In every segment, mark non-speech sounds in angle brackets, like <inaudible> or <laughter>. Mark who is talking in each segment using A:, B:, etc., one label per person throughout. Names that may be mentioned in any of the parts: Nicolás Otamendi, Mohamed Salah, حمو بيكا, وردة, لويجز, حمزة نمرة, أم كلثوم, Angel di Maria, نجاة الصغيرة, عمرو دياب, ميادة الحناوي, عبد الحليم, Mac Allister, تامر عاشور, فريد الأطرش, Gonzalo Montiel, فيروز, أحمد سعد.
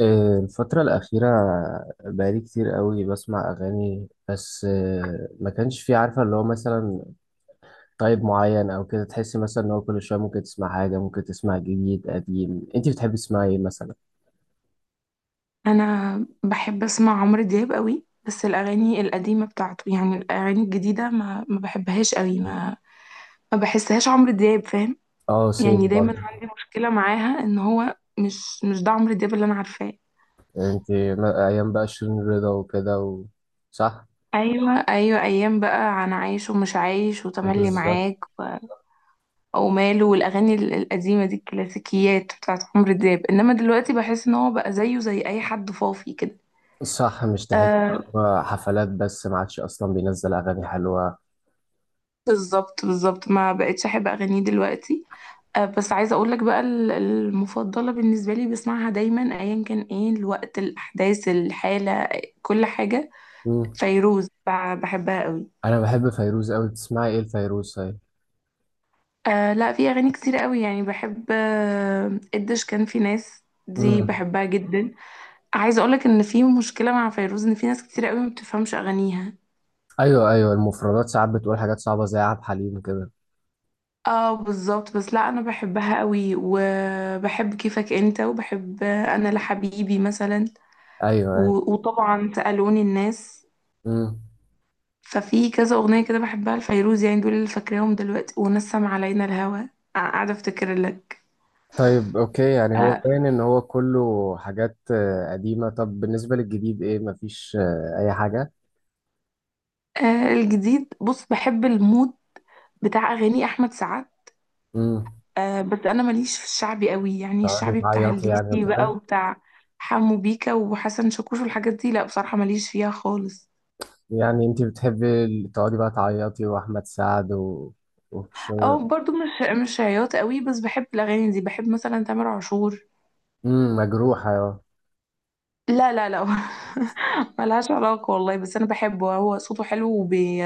A: الفترة الأخيرة بقالي كتير قوي بسمع أغاني، بس ما كانش في، عارفة اللي هو مثلا طيب معين أو كده. تحسي مثلا إن هو كل شوية ممكن تسمع حاجة، ممكن تسمع جديد قديم؟ أنت بتحبي تسمعي إيه مثلا؟
B: انا بحب اسمع عمرو دياب قوي، بس الاغاني القديمه بتاعته. يعني الاغاني الجديده ما بحبهاش قوي، ما بحسهاش عمرو دياب، فاهم؟
A: أه، سيم
B: يعني دايما
A: برضه.
B: عندي مشكله معاها ان هو مش ده عمرو دياب اللي انا عارفاه.
A: أنت أيام بقى شيرين رضا وكده. صح؟
B: ايوه ايوه، ايام بقى انا عايش ومش عايش وتملي
A: بالظبط.
B: معاك، وماله. والاغاني القديمه دي الكلاسيكيات بتاعت عمرو دياب، انما دلوقتي بحس ان هو بقى زيه زي اي حد فاضي كده.
A: صح، مش تحس إن
B: آه،
A: هو حفلات بس، ما عادش أصلا بينزل أغاني حلوة؟
B: بالظبط بالظبط، ما بقتش احب اغانيه دلوقتي. بس عايزة أقولك بقى المفضلة بالنسبة لي، بسمعها دايما أيا كان إيه الوقت، الأحداث، الحالة، كل حاجة.
A: مم.
B: فيروز، بحبها قوي.
A: أنا بحب فيروز أوي، تسمعي إيه لفيروز؟
B: آه لا، في أغاني كتير قوي يعني بحب. قديش كان في ناس دي
A: طيب؟
B: بحبها جدا. عايزة أقولك إن في مشكلة مع فيروز، إن في ناس كتير قوي ما بتفهمش أغانيها.
A: ايوه ايوه، المفردات ساعات بتقول حاجات صعبه زي عبد الحليم كده.
B: اه بالظبط، بس لا انا بحبها قوي، وبحب كيفك انت، وبحب، انا لحبيبي مثلا.
A: ايوه ايوه.
B: وطبعا سألوني الناس.
A: امم.
B: ففي كذا اغنيه كده بحبها لفيروز، يعني دول اللي فاكراهم دلوقتي: ونسم علينا الهوى. قاعده افتكر لك.
A: طيب اوكي، يعني هو
B: آه
A: باين ان هو كله حاجات قديمه. طب بالنسبه للجديد ايه؟ مفيش اي حاجه؟
B: الجديد، بص، بحب المود بتاع اغاني احمد سعد.
A: امم
B: بس انا ماليش في الشعبي قوي، يعني
A: تقعدي
B: الشعبي بتاع
A: تعيطي يعني
B: الليسي بقى،
A: وكده.
B: وبتاع حمو بيكا وحسن شاكوش والحاجات دي، لا بصراحه ماليش فيها خالص.
A: يعني انت بتحبي تقعدي بقى تعيطي واحمد سعد
B: او
A: وشغل.
B: برضو مش عياط قوي، بس بحب الاغاني دي، بحب مثلا تامر عاشور.
A: مجروحه اه.
B: لا لا لا <laughs> ملهاش علاقة والله، بس أنا بحبه، هو صوته حلو، وبي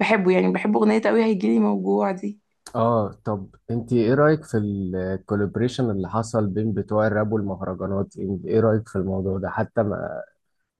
B: بحبه. يعني بحب أغنية أوي، هيجيلي موجوع دي.
A: اه، طب انت ايه رايك في الكولابريشن اللي حصل بين بتوع الراب والمهرجانات؟ ايه رايك في الموضوع ده حتى؟ ما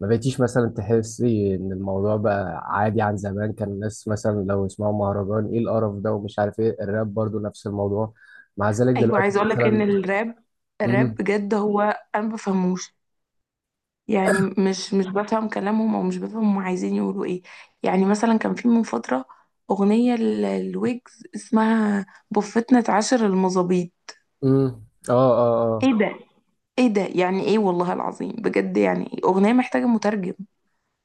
A: بقيتيش مثلا تحسي ان الموضوع بقى عادي عن زمان؟ كان الناس مثلا لو يسمعوا مهرجان: ايه القرف ده؟ ومش عارف ايه. الراب برضو نفس الموضوع مع ذلك
B: أيوة،
A: دلوقتي
B: عايزة أقولك إن
A: مثلا.
B: الراب
A: امم.
B: بجد هو، أنا ما بفهموش. يعني مش بفهم كلامهم، أو مش بفهم هم عايزين يقولوا إيه. يعني مثلا كان في من فترة أغنية لويجز اسمها بفتنا عشر المظابيط.
A: امم. اه. اه. اه.
B: إيه ده، إيه ده، يعني إيه والله العظيم؟ بجد يعني إيه؟ أغنية محتاجة مترجم.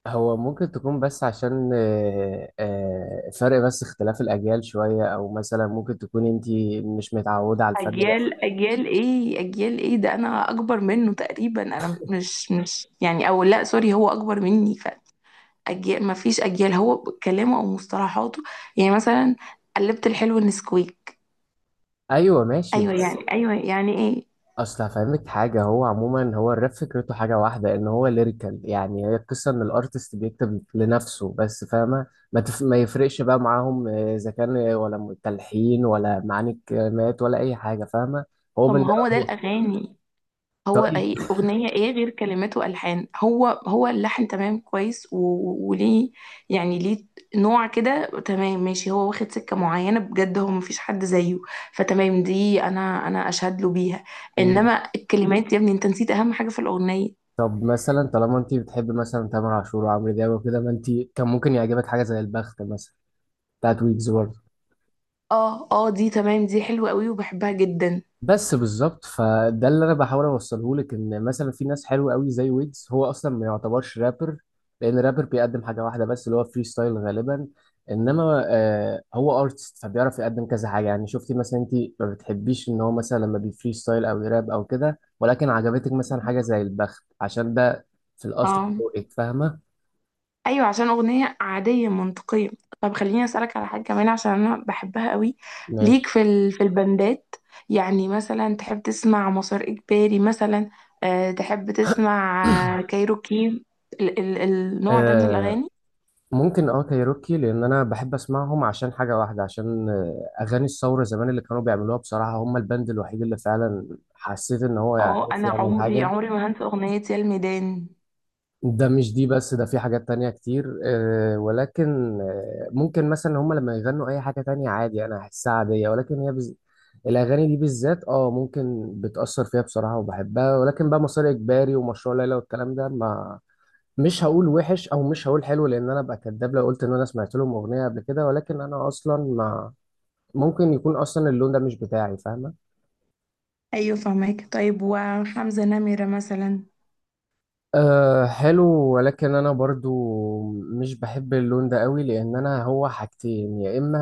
A: هو ممكن تكون، بس عشان فرق، بس اختلاف الاجيال شوية، او مثلا ممكن تكون انتي مش متعودة على الفن ده.
B: اجيال، اجيال ايه، اجيال ايه ده، انا اكبر منه تقريبا. انا مش يعني، او لا سوري هو اكبر مني. فاجيال، ما فيش اجيال، هو كلامه او مصطلحاته. يعني مثلا: قلبت الحلو نسكويك،
A: ايوه ماشي
B: ايوه
A: بس،
B: يعني، ايوه يعني ايه.
A: اصل هفهمك حاجه، هو عموما، هو الراب فكرته حاجه واحده، ان هو ليريكال، يعني هي القصه ان الارتست بيكتب لنفسه بس، فاهمه؟ ما يفرقش بقى معاهم، اذا كان ولا تلحين ولا معاني الكلمات ولا اي حاجه، فاهمه؟ هو
B: طب
A: بن...
B: ما هو ده
A: هو
B: الاغاني. هو،
A: طيب.
B: أي الأغنية إيه غير كلمات وألحان؟ هو اللحن تمام كويس، وليه؟ يعني ليه؟ نوع كده تمام، ماشي، هو واخد سكة معينة بجد، هو مفيش حد زيه، فتمام دي أنا أشهد له بيها.
A: مم.
B: إنما الكلمات يا ابني، أنت نسيت أهم حاجة في الأغنية.
A: طب مثلا، طالما انت بتحب مثلا تامر عاشور وعمرو دياب وكده، ما انت كان ممكن يعجبك حاجه زي البخت مثلا بتاعت ويجز.
B: آه آه، دي تمام، دي حلوة قوي وبحبها جدا.
A: بس بالظبط، فده اللي انا بحاول اوصله لك، ان مثلا في ناس حلوه قوي زي ويجز، هو اصلا ما يعتبرش رابر. لان رابر بيقدم حاجه واحده بس، اللي هو فري ستايل غالبا. انما هو ارتست، فبيعرف يقدم كذا حاجه. يعني شفتي مثلا انت ما بتحبيش ان هو مثلا لما بيفري ستايل او يراب او كده، ولكن عجبتك مثلا حاجه زي البخت، عشان ده في الاصل
B: آه
A: ذوقك، فاهمه؟
B: ايوه، عشان اغنيه عاديه منطقيه. طب خليني اسالك على حاجه كمان، عشان انا بحبها قوي. ليك
A: ماشي.
B: في في البندات، يعني مثلا تحب تسمع مسار اجباري مثلا؟ أه، تحب تسمع كايروكي،
A: <clears throat>
B: النوع ده من
A: آه،
B: الاغاني؟
A: ممكن كايروكي، لان انا بحب اسمعهم عشان حاجه واحده، عشان اغاني الثوره زمان اللي كانوا بيعملوها، بصراحه هم البند الوحيد اللي فعلا حسيت ان هو
B: اه،
A: عارف
B: انا
A: يعمل
B: عمري
A: حاجه.
B: عمري ما هنسى اغنيه يا الميدان.
A: ده مش دي بس، ده في حاجات تانية كتير، ولكن ممكن مثلا هم لما يغنوا اي حاجه تانية عادي، انا احسها عاديه. ولكن الاغاني دي بالذات اه ممكن بتاثر فيها بصراحه وبحبها. ولكن بقى مسار اجباري ومشروع ليلى والكلام ده، ما مش هقول وحش او مش هقول حلو، لان انا ابقى كداب لو قلت ان انا سمعت لهم اغنيه قبل كده. ولكن انا اصلا ما ممكن يكون اصلا اللون ده مش بتاعي، فاهمه؟
B: ايوه فهمك. طيب، وحمزة نمرة مثلا؟
A: أه، حلو. ولكن انا برضو مش بحب اللون ده قوي، لان انا هو حاجتين: يا اما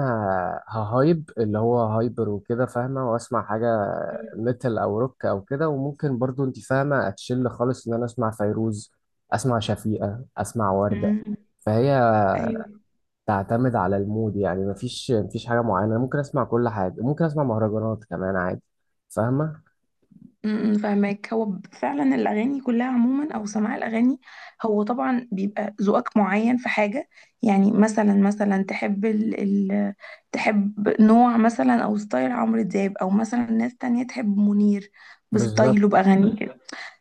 A: اللي هو هايبر وكده، فاهمه، واسمع حاجه
B: مم.
A: ميتال او روك او كده، وممكن برضو انت فاهمه اتشل خالص ان انا اسمع فيروز، اسمع شفيقه، اسمع ورده.
B: مم.
A: فهي
B: ايوه.
A: تعتمد على المود، يعني مفيش مفيش حاجة معينة. ممكن أسمع كل حاجة، ممكن أسمع مهرجانات كمان عادي، فاهمة؟
B: فاهمك، هو فعلا الاغاني كلها عموما، او سماع الاغاني، هو طبعا بيبقى ذوقك معين في حاجه. يعني مثلا تحب ال ال تحب نوع مثلا، او ستايل عمرو دياب، او مثلا ناس تانية تحب منير
A: بالظبط.
B: بستايله باغانيه.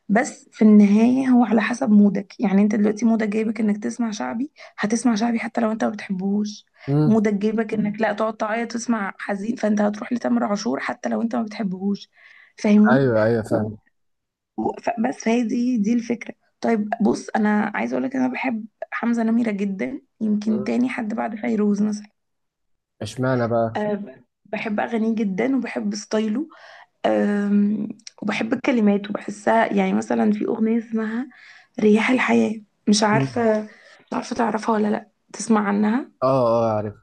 B: بس في النهاية هو على حسب مودك، يعني انت دلوقتي مودك جايبك انك تسمع شعبي، هتسمع شعبي حتى لو انت ما بتحبوش.
A: مم.
B: مودك جايبك انك لا تقعد تعيط تسمع حزين، فانت هتروح لتامر عاشور حتى لو انت ما بتحبهوش، فاهمني؟
A: أيوه أيوه
B: و...
A: فاهم.
B: بس فهي دي الفكرة. طيب بص، انا عايزة اقولك انا بحب حمزة نمرة جدا، يمكن
A: مم.
B: تاني حد بعد فيروز مثلا.
A: اشمعنى بقى؟
B: أه بحب اغانيه جدا وبحب ستايله. أم، وبحب الكلمات وبحسها، يعني مثلا في أغنية اسمها رياح الحياة. مش
A: مم.
B: عارفة مش عارفة تعرفها ولا لأ، تسمع عنها؟
A: اه اه عارف.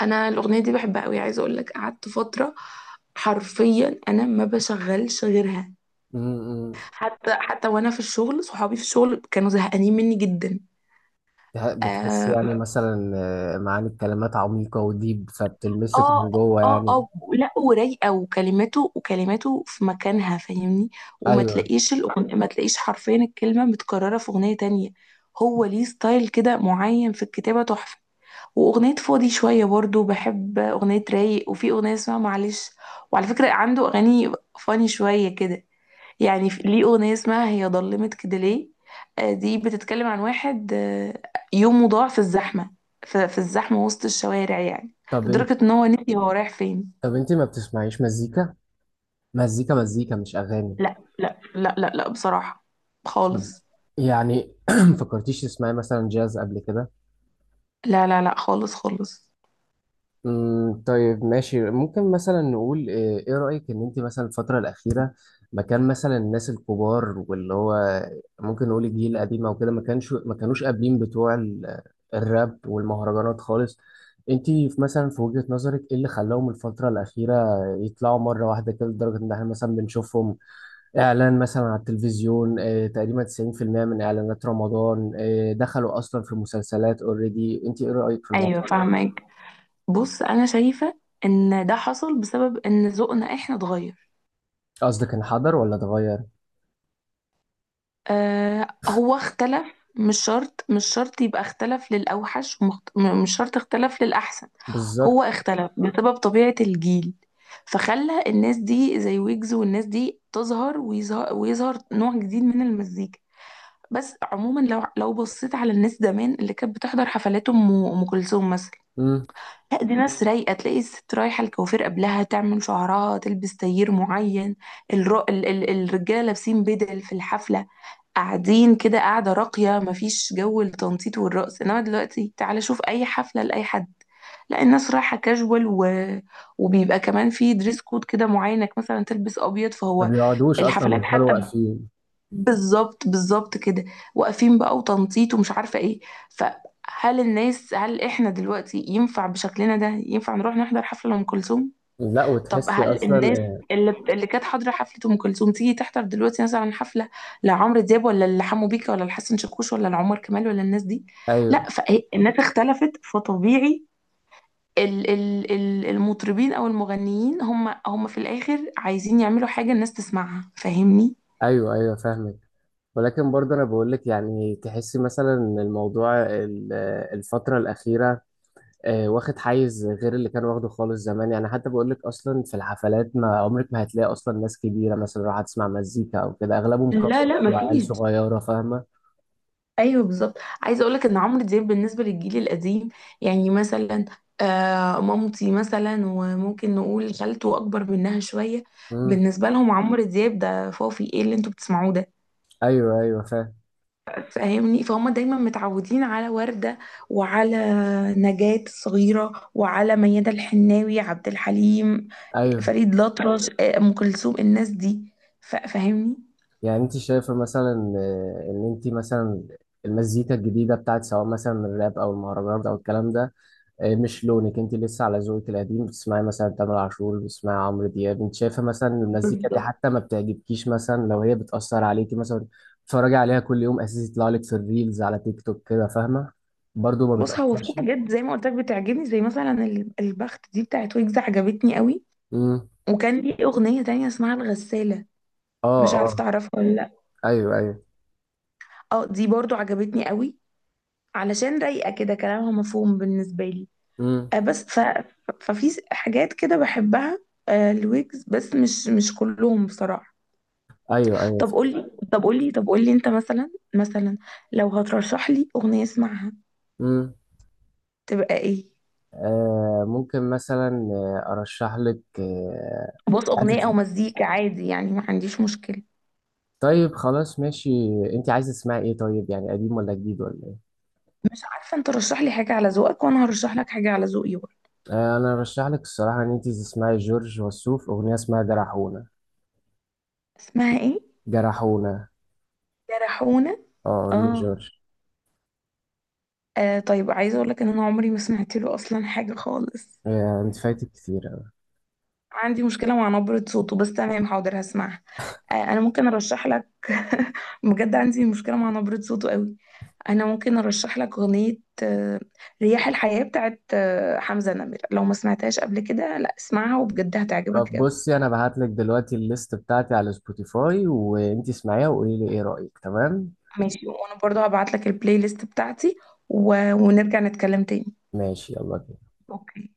B: أنا الأغنية دي بحبها أوي، عايزة أقول لك قعدت فترة حرفيا أنا ما بشغلش غيرها.
A: مم، مم.
B: حتى وأنا في الشغل، صحابي في الشغل كانوا زهقانين مني جدا.
A: بتحس
B: آه،
A: يعني مثلا معاني الكلمات عميقة وديب، فبتلمسك
B: اه
A: من جوه
B: اه
A: يعني.
B: اه، لا ورايقه، وكلماته في مكانها، فاهمني؟ وما
A: أيوه.
B: تلاقيش ما تلاقيش حرفيا الكلمه متكرره في اغنيه تانية. هو ليه ستايل كده معين في الكتابه تحفه. واغنيه فاضي شويه برضو، بحب اغنيه رايق، وفي اغنيه اسمها معلش. وعلى فكره عنده اغاني فاني شويه كده، يعني ليه أغنية اسمها هي ضلمت كده ليه. دي بتتكلم عن واحد يومه ضاع في الزحمة، في الزحمة وسط الشوارع يعني،
A: طب أنت،
B: لدرجة ان هو نسي هو رايح فين.
A: ما بتسمعيش مزيكا؟ مزيكا مزيكا مش أغاني.
B: لا لا لا لا لا، بصراحة
A: طب
B: خالص.
A: يعني، <clears throat> فكرتيش تسمعي مثلا جاز قبل كده؟
B: لا لا لا، خالص خالص.
A: طيب ماشي. ممكن مثلا نقول ايه، إيه رأيك ان انت مثلا الفترة الأخيرة، مكان مثلا الناس الكبار، واللي هو ممكن نقول الجيل القديم او كده، ما كانوش قابلين بتوع الراب والمهرجانات خالص؟ انت في مثلا، في وجهة نظرك ايه اللي خلاهم الفترة الأخيرة يطلعوا مرة واحدة كده، لدرجة ان احنا مثلا بنشوفهم اعلان مثلا على التلفزيون؟ إيه تقريبا 90% من اعلانات رمضان إيه، دخلوا اصلا في مسلسلات اوريدي. انت ايه رأيك في
B: ايوه
A: الموضوع؟
B: فاهمك. بص انا شايفة ان ده حصل بسبب ان ذوقنا احنا اتغير.
A: قصدك انحدر ولا اتغير؟
B: آه هو اختلف، مش شرط يبقى اختلف للأوحش، مش شرط اختلف للأحسن. هو
A: بالظبط.
B: اختلف بسبب طبيعة الجيل، فخلى الناس دي زي ويجز والناس دي تظهر، ويظهر نوع جديد من المزيكا. بس عموما لو بصيت على الناس زمان اللي كانت بتحضر حفلات أم كلثوم مثلا،
A: امم.
B: لا دي ناس رايقة، تلاقي الست رايحة الكوافير قبلها تعمل شعرها، تلبس تايير معين، الرجالة لابسين بدل في الحفلة، قاعدين كده، قاعدة راقية، مفيش جو التنطيط والرقص. انما دلوقتي تعالى شوف اي حفلة لأي حد، لا الناس رايحة كاجوال، وبيبقى كمان في دريس كود كده معين انك مثلا تلبس ابيض.
A: ما
B: فهو
A: بيقعدوش اصلا،
B: الحفلات
A: بيفضلوا
B: حتى
A: واقفين.
B: بالظبط بالظبط كده، واقفين بقى وتنطيط ومش عارفة ايه. فهل الناس هل احنا دلوقتي ينفع بشكلنا ده ينفع نروح نحضر حفلة لأم كلثوم؟
A: لا،
B: طب
A: وتحسي
B: هل
A: اصلا
B: الناس
A: آه،
B: اللي كانت حاضره حفله ام كلثوم تيجي تحضر دلوقتي مثلا حفله لعمرو دياب، ولا لحمو بيكا، ولا لحسن شاكوش، ولا لعمر كمال، ولا الناس دي؟
A: ايوه
B: لا، فالناس اختلفت، فطبيعي المطربين او المغنيين هم في الاخر عايزين يعملوا حاجه الناس تسمعها، فاهمني؟
A: ايوه. ايوه فاهمك. ولكن برضه انا بقول لك، يعني تحسي مثلا إن الموضوع الفتره الاخيره واخد حيز غير اللي كان واخده خالص زمان؟ يعني حتى بقول لك اصلا في الحفلات ما عمرك ما هتلاقي اصلا ناس كبيره مثلا راح تسمع مزيكا او كده، اغلبهم
B: لا
A: كابلز
B: لا
A: وعيال
B: مفيش.
A: صغيره، فاهمه؟
B: ايوه بالظبط، عايزه اقولك ان عمرو دياب بالنسبه للجيل القديم، يعني مثلا مامتي مثلا، وممكن نقول خالته اكبر منها شويه،
A: امم.
B: بالنسبه لهم عمرو دياب ده فوفي ايه اللي انتوا بتسمعوه ده،
A: ايوه ايوه فاهم.
B: فاهمني؟ فهم دايما متعودين على ورده، وعلى نجاة الصغيره، وعلى ميادة الحناوي، عبد الحليم،
A: ايوه.
B: فريد الأطرش، ام كلثوم، الناس دي، فاهمني.
A: يعني انت شايفة مثلا ان انت مثلا المزيكا الجديدة بتاعت سواء مثلا الراب او المهرجانات او الكلام ده، مش لونك. انت لسه على ذوقك القديم، بتسمعي مثلا تامر عاشور، بتسمعي عمرو دياب. انت شايفة مثلا إن المزيكا دي
B: بالظبط.
A: حتى ما بتعجبكيش مثلا؟ لو هي بتأثر عليكي مثلا بتتفرجي عليها كل يوم اساسي، يطلع لك في الريلز على تيك توك كده، فاهمة، برضو ما
B: بص هو في
A: بتأثرش؟
B: حاجات زي ما قلت لك بتعجبني، زي مثلا البخت دي بتاعت ويجز عجبتني قوي.
A: امم.
B: وكان ليه أغنية تانية اسمها الغسالة،
A: اه
B: مش عارفة
A: اه.
B: تعرفها ولا لأ.
A: ايوه ايوه.
B: اه دي برضو عجبتني قوي، علشان رايقة كده، كلامها مفهوم بالنسبة لي.
A: امم.
B: آه بس حاجات كده بحبها. آه الويجز بس مش كلهم بصراحة.
A: ايوه ايوه.
B: طب قولي، انت مثلا لو هترشح لي أغنية اسمعها
A: امم.
B: تبقى ايه؟
A: ممكن مثلا ارشح لك
B: بص
A: عايز
B: أغنية أو
A: اسمع.
B: مزيكا عادي يعني، ما عنديش مشكلة.
A: طيب خلاص ماشي. انت عايزه تسمعي ايه، طيب يعني قديم ولا جديد ولا ايه؟
B: مش عارفة، انت رشح لي حاجة على ذوقك وانا هرشح لك حاجة على ذوقي برضه.
A: انا ارشح لك الصراحه ان انت تسمعي جورج وسوف اغنيه اسمها جرحونا.
B: اسمها ايه؟
A: جرحونا.
B: جرحونة.
A: اه
B: اه.
A: لجورج.
B: آه طيب، عايزة اقول لك ان انا عمري ما سمعت له اصلا حاجة خالص.
A: انت فايتك كتير أوي.
B: عندي مشكلة مع نبرة صوته، بس تمام حاضر هسمعها. آه انا ممكن ارشح لك <laughs> بجد عندي مشكلة مع نبرة صوته قوي. انا ممكن ارشح لك اغنية، آه، رياح الحياة بتاعت حمزة نمرة، لو ما سمعتهاش قبل كده لا اسمعها وبجد
A: طب
B: هتعجبك قوي.
A: بصي، انا بعت لك دلوقتي الليست بتاعتي على سبوتيفاي، وانت اسمعيها وقولي لي ايه رايك. تمام
B: ماشي، وانا برضو هبعت لك البلاي ليست بتاعتي ونرجع نتكلم تاني.
A: ماشي يلا بينا.
B: اوكي.